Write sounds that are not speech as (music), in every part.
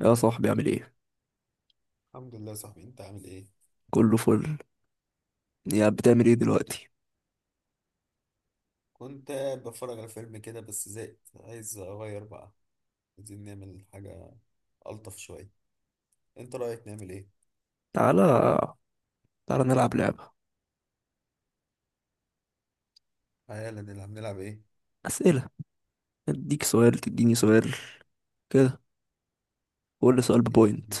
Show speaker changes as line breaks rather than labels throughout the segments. يا صاحبي، عامل ايه؟
الحمد لله يا صاحبي، انت عامل ايه؟
كله فل. يا، بتعمل ايه دلوقتي؟
كنت قاعد بتفرج على فيلم كده بس زهقت، عايز اغير بقى. عايزين نعمل حاجة الطف شوية. انت رأيك نعمل ايه؟
تعالى تعالى نلعب لعبة.
تعالى نلعب ايه؟
أسئلة. اديك سؤال، تديني سؤال. كده. كل سؤال
يلا
ببوينت.
بينا،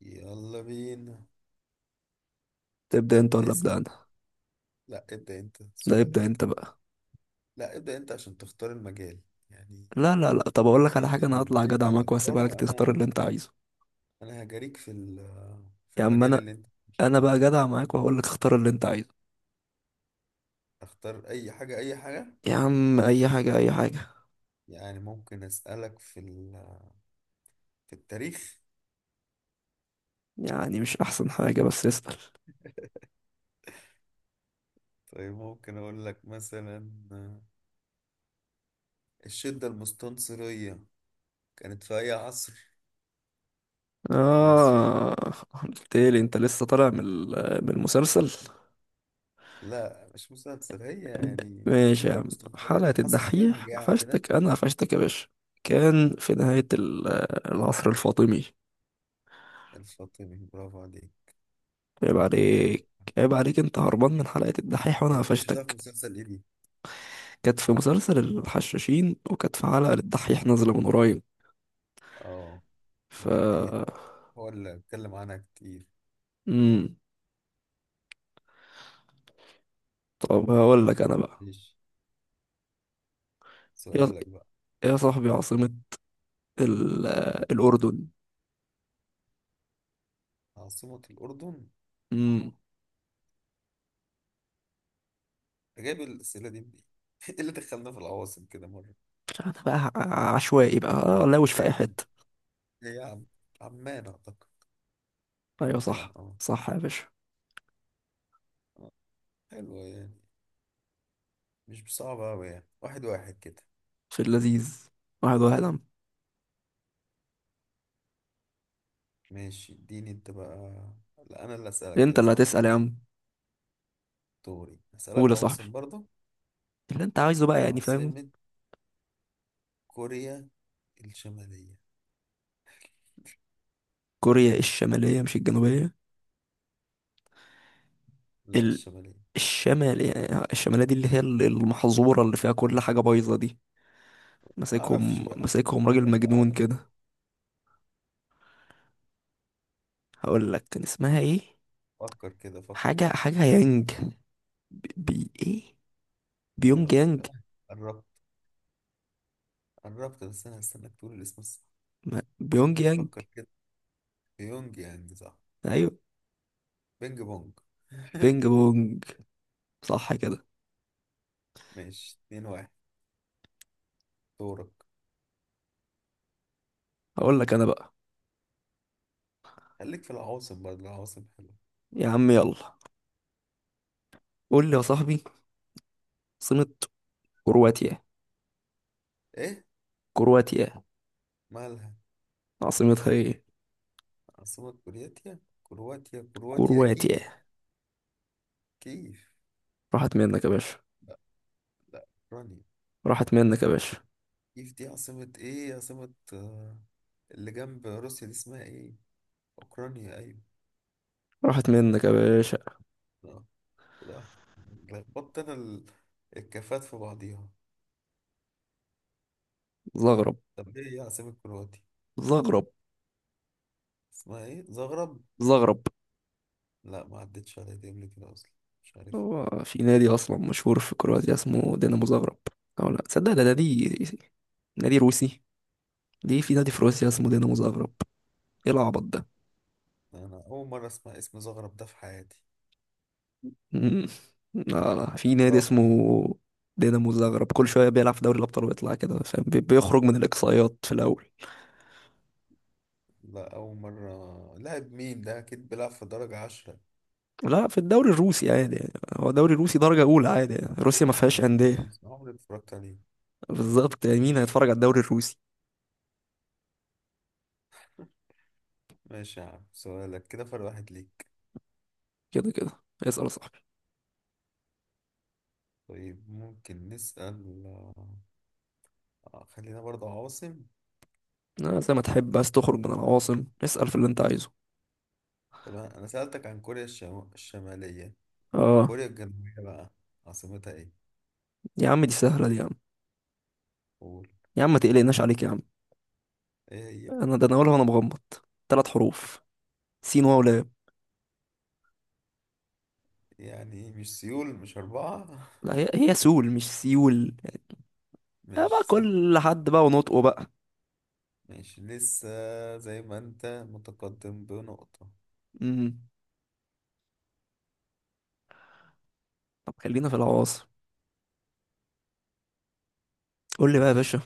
يلا بينا.
تبدأ انت ولا أبدأ
اسأل.
انا؟
لا، ابدأ انت
لا، ابدأ
سؤالك.
انت بقى.
لا، ابدأ انت عشان تختار المجال، يعني.
لا لا لا، طب اقول لك على
الفيلد
حاجة، انا هطلع
اللي انت
جدع معاك وهسيبها لك
هتختاره،
تختار
انا
اللي انت عايزه.
انا هجاريك في
يا عم
المجال
انا
اللي انت ماشي
انا بقى
فيه.
جدع معاك وهقول لك اختار اللي انت عايزه.
اختار اي حاجة، اي حاجة.
يا عم، اي حاجة اي حاجة.
يعني ممكن اسألك في التاريخ.
يعني مش احسن حاجة، بس اسأل.
طيب ممكن أقول لك مثلا، الشدة المستنصرية كانت في أي عصر في مصر؟
اه. قلت لي انت لسه طالع من المسلسل.
لا، مش مستنصر هي. يعني
ماشي يا
الشدة
عم.
المستنصرية دي
حلقة
حصل فيها
الدحيح،
مجاعة كده.
قفشتك. أنا قفشتك يا باشا. كان في نهاية العصر الفاطمي.
الفاطمي، برافو عليك.
عيب
أنت مذاكر.
عليك. عيب عليك، أنت هربان من حلقة الدحيح وأنا
طب أنت شفتها في
قفشتك.
مسلسل إيه دي؟
كانت في مسلسل الحشاشين، وكانت في حلقة للدحيح نازلة من قريب.
آه،
ف
الدحيح هو اللي اتكلم عنها كتير.
مم. طب هقول لك أنا بقى.
ماشي.
يا
سؤالك بقى.
يا صاحبي، عاصمة ال... الأردن.
عاصمة الأردن.
مم.
أنت جايب الأسئلة دي منين؟ (laughs) إيه اللي دخلنا في العواصم كده مرة؟
أنا بقى عشوائي بقى،
ماشي، بس
لاوش في أي
هي،
حتة.
هي عم... عمان أعتقد.
أيوة
عمان،
صح
اه.
صح يا باشا.
حلو، يعني مش صعب أوي، يعني واحد واحد كده.
في اللذيذ. واحد واحد.
ماشي، اديني انت بقى. لا، انا اللي اسألك
انت
كده،
اللي
صح؟
هتسأل يا عم.
دوري
قول
اسألك
يا صاحبي،
عواصم برضه.
اللي انت عايزه بقى، يعني، فاهم؟
عاصمة كوريا الشمالية.
كوريا الشمالية مش الجنوبية؟
لا،
ال...
الشمالية.
الشمال، يعني الشمالية دي اللي هي المحظورة اللي فيها كل حاجة بايظة دي.
ما اعرفش
ماسكهم
بقى.
ماسكهم
(laughs)
راجل
لا
مجنون
أعرف.
كده. هقول لك كان اسمها ايه.
فكر كده، فكر.
حاجة حاجة يانج. ايه، بيونج
بر-
يانج.
قربت، قربت، بس انا هستناك تقول الاسم الصح.
ما... بيونج يانج.
فكر كده. بيونج يانج، صح؟
ايوه.
بينج بونج. (laughs)
بينج بونج. صح كده.
ماشي، 2-1. دورك.
هقول لك انا بقى.
خليك في العواصم برضه، العواصم حلوة.
يا عم، يلا. قول لي يا صاحبي، عاصمة كرواتيا.
ايه؟
كرواتيا
مالها؟
عاصمتها ايه؟
عاصمة كرواتيا. كرواتيا، كرواتيا
كرواتيا.
كيف؟ كيف؟
راحت منك يا باشا.
لا، لا، رانيا.
راحت منك يا باشا.
كيف دي؟ عاصمة ايه؟ عاصمة، آه، اللي جنب روسيا دي اسمها ايه؟ اوكرانيا، ايوه.
راحت منك يا باشا.
اه، لا، لخبطت انا الكفات في بعضيها.
زغرب.
طب ايه هي عاصمة كرواتيا؟
زغرب.
اسمها ايه؟ زغرب؟
زغرب.
لا، ما عدتش عليا دي قبل كده اصلا. مش عارف.
هو في نادي اصلا مشهور في كرواتيا اسمه دينامو زغرب. او لا تصدق، ده نادي. نادي روسي. ليه في نادي في روسيا اسمه دينامو زغرب؟ ايه العبط ده؟
انا اول مرة اسمع اسم زغرب ده في حياتي،
مم. لا لا، في نادي
صراحة، يعني.
اسمه دينامو زغرب. كل شويه بيلعب في دوري الابطال ويطلع كده، فاهم؟ بيخرج من الاقصائيات في الاول.
لا، أول مرة. لاعب مين ده؟ أكيد بيلعب في درجة 10.
لا، في الدوري الروسي عادي يعني. هو دوري روسي درجه اولى عادي يعني. روسيا ما
بعيد عني
فيهاش
اصلا ده،
انديه.
بس عمري ما اتفرجت عليه.
بالظبط، يعني مين هيتفرج على الدوري الروسي.
ماشي يا عم، سؤالك كده فرق 1 ليك.
كده كده. اسأل يا صاحبي.
طيب ممكن نسأل، آه، خلينا برضه عواصم.
آه، زي ما تحب. عايز تخرج من العواصم، اسأل في اللي انت عايزه.
طب أنا سألتك عن كوريا الشمالية.
اه.
كوريا الجنوبية بقى، عاصمتها ايه؟
يا عم، دي سهلة دي يا عم.
قول.
يا عم، ما تقلقناش عليك يا عم.
ايه هي؟
انا ده انا اقولها وانا مغمض. 3 حروف. سول.
يعني ايه؟ مش سيول؟ مش 4؟
لا، هي هي سول مش سيول.
(laughs)
آه بقى،
ماشي، صح.
كل حد بقى ونطقه بقى.
ماشي، لسه زي ما انت متقدم بنقطة.
امم طب خلينا في العواصم. قول لي بقى يا
ماشي.
باشا.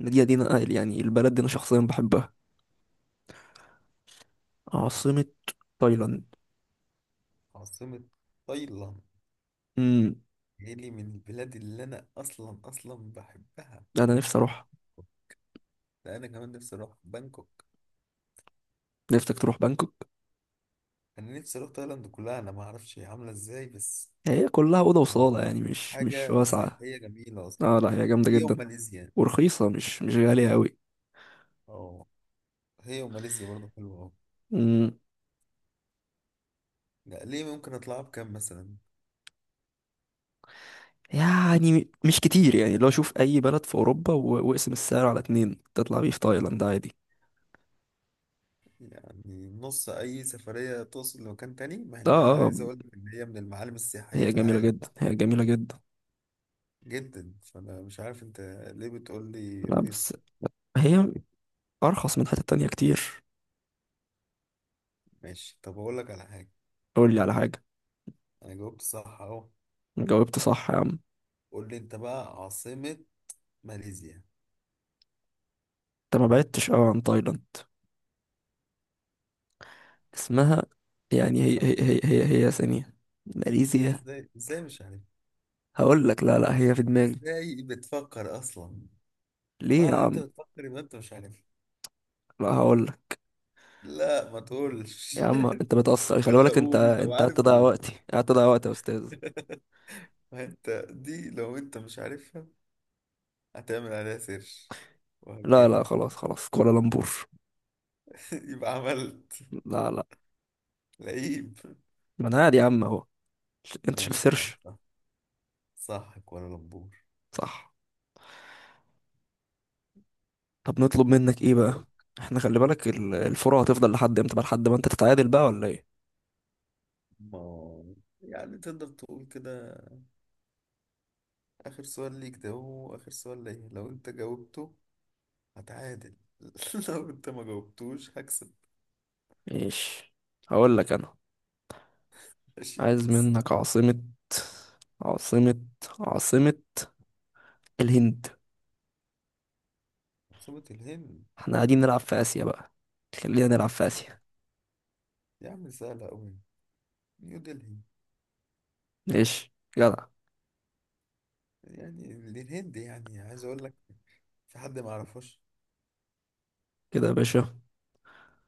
المدينة دي انا يعني، البلد دي انا شخصيا بحبها. عاصمة تايلاند.
عاصمة تايلاند.
امم
ايه، لي من البلاد اللي انا اصلا اصلا بحبها.
انا نفسي اروح.
ده انا كمان نفسي اروح بانكوك.
نفسك تروح بانكوك؟
انا نفسي اروح تايلاند كلها. انا ما اعرفش هي عامله ازاي، بس
هي كلها اوضه وصاله
يعني
يعني، مش
حاجه
واسعه.
سياحيه جميله اصلا.
اه، لا، هي جامده
هي
جدا.
وماليزيا.
ورخيصة، مش غالية أوي.
اه، هي وماليزيا برضه حلوه أوي.
مم،
لا، ليه؟ ممكن اطلعها بكام مثلا؟
يعني مش كتير. يعني لو شوف أي بلد في أوروبا واقسم السعر على اتنين، تطلع بيه في تايلاند عادي.
يعني نص اي سفريه توصل لمكان تاني، مع
آه.
انها،
آه.
عايز اقول لك ان هي من المعالم السياحيه
هي
في
جميلة
العالم،
جدا، هي جميلة جدا.
جدا. فانا مش عارف انت ليه بتقول لي
لا،
رخيص.
بس هي أرخص من حتة تانية كتير.
ماشي، طب اقول لك على حاجه.
قول لي على حاجة.
انا جاوبت صح اهو.
جاوبت صح يا عم.
قول لي انت بقى، عاصمه ماليزيا.
أنت ما بعدتش أوي عن تايلاند. اسمها، يعني هي هي
صح.
هي هي, هي ثانية.
انت
ماليزيا.
ازاي، ازاي مش عارف؟
هقول لك، لا لا، هي في دماغي.
ازاي بتفكر اصلا؟
ليه يا
معنى ان انت
عم؟
بتفكر يبقى انت مش عارف.
لا، هقول لك.
لا، ما
يا
تقولش.
عم، انت بتقصر،
(laughs)
خلي
ولا
بالك. انت
قول، لو
انت قاعد
عارف
تضيع
قول.
وقتي، قاعد تضيع وقتي يا استاذ.
(laughs) ما انت دي لو انت مش عارفها هتعمل عليها سيرش
لا لا،
وهتجيبها.
خلاص خلاص، كوالالمبور.
(laughs) يبقى عملت
لا لا.
لعيب.
ما انا قاعد يا عم اهو. انت شايف
ماشي يا عم،
سيرش.
صح. صح، كوالالمبور.
صح. طب نطلب منك ايه
دورك.
بقى؟ احنا خلي بالك، الفرع هتفضل لحد امتى بقى؟ لحد ما انت تتعادل بقى ولا ايه؟
ما، يعني تقدر تقول كده. آخر سؤال ليك ده هو آخر سؤال ليا. لو انت جاوبته هتعادل، (laughs) لو انت ما جاوبتوش هكسب.
ايش! هقول لك انا.
ماشي،
عايز
بس.
منك عاصمة. عاصمة عاصمة الهند.
عاصمة الهند.
احنا قاعدين نلعب في اسيا بقى. خلينا نلعب في
سهل.
اسيا.
يا عم، سهلة أوي. نيو دلهي.
ايش! جدع.
يعني دي الهند، يعني عايز أقول لك في حد ما يعرفوش؟
كده يا باشا.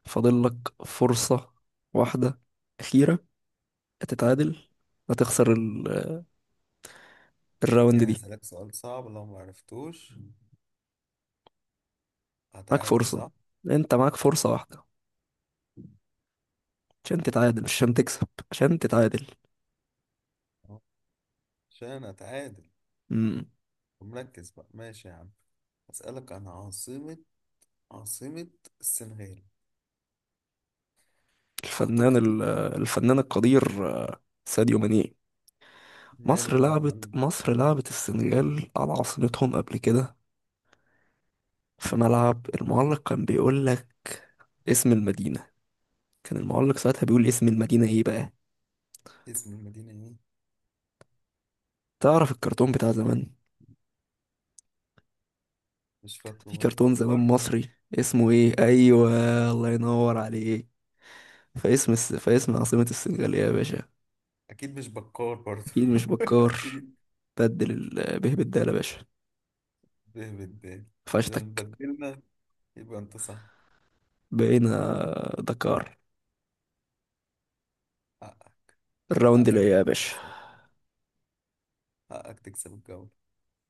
فاضل لك فرصة واحدة أخيرة تتعادل. هتخسر الراوند
يعني
دي.
هسألك سؤال صعب، لو ما عرفتوش
معاك
هتعادل،
فرصة.
صح؟
انت معاك فرصة واحدة، عشان تتعادل، مش عشان تكسب، عشان تتعادل.
آه. عشان أتعادل
مم.
ومركز بقى. ماشي يا عم. هسألك عن عاصمة السنغال،
الفنان
أعتقد دي بقى.
الفنان القدير ساديو ماني.
ماله بقى يا معلم؟
مصر لعبت السنغال على عاصمتهم قبل كده. في ملعب، المعلق كان بيقول لك اسم المدينة. كان المعلق ساعتها بيقول اسم المدينة ايه بقى؟
اسم المدينة إيه؟
تعرف الكرتون بتاع زمان؟
مش فاكره،
في
برضه
كرتون زمان
بكار؟
مصري، اسمه ايه؟ ايوه. الله ينور عليك. فاسم عاصمة السنغال إيه يا باشا؟
أكيد مش بكار برضه.
اكيد
(laughs)
مش بكار.
أكيد.
بدل به بالدال يا باشا.
به بالدال. بدل
فشتك.
ما بدلنا يبقى انت صح.
بقينا دكار.
حقك.
الراوند اللي
حقك
هي
يا
يا
عم تكسب.
باشا.
حقك تكسب الجو.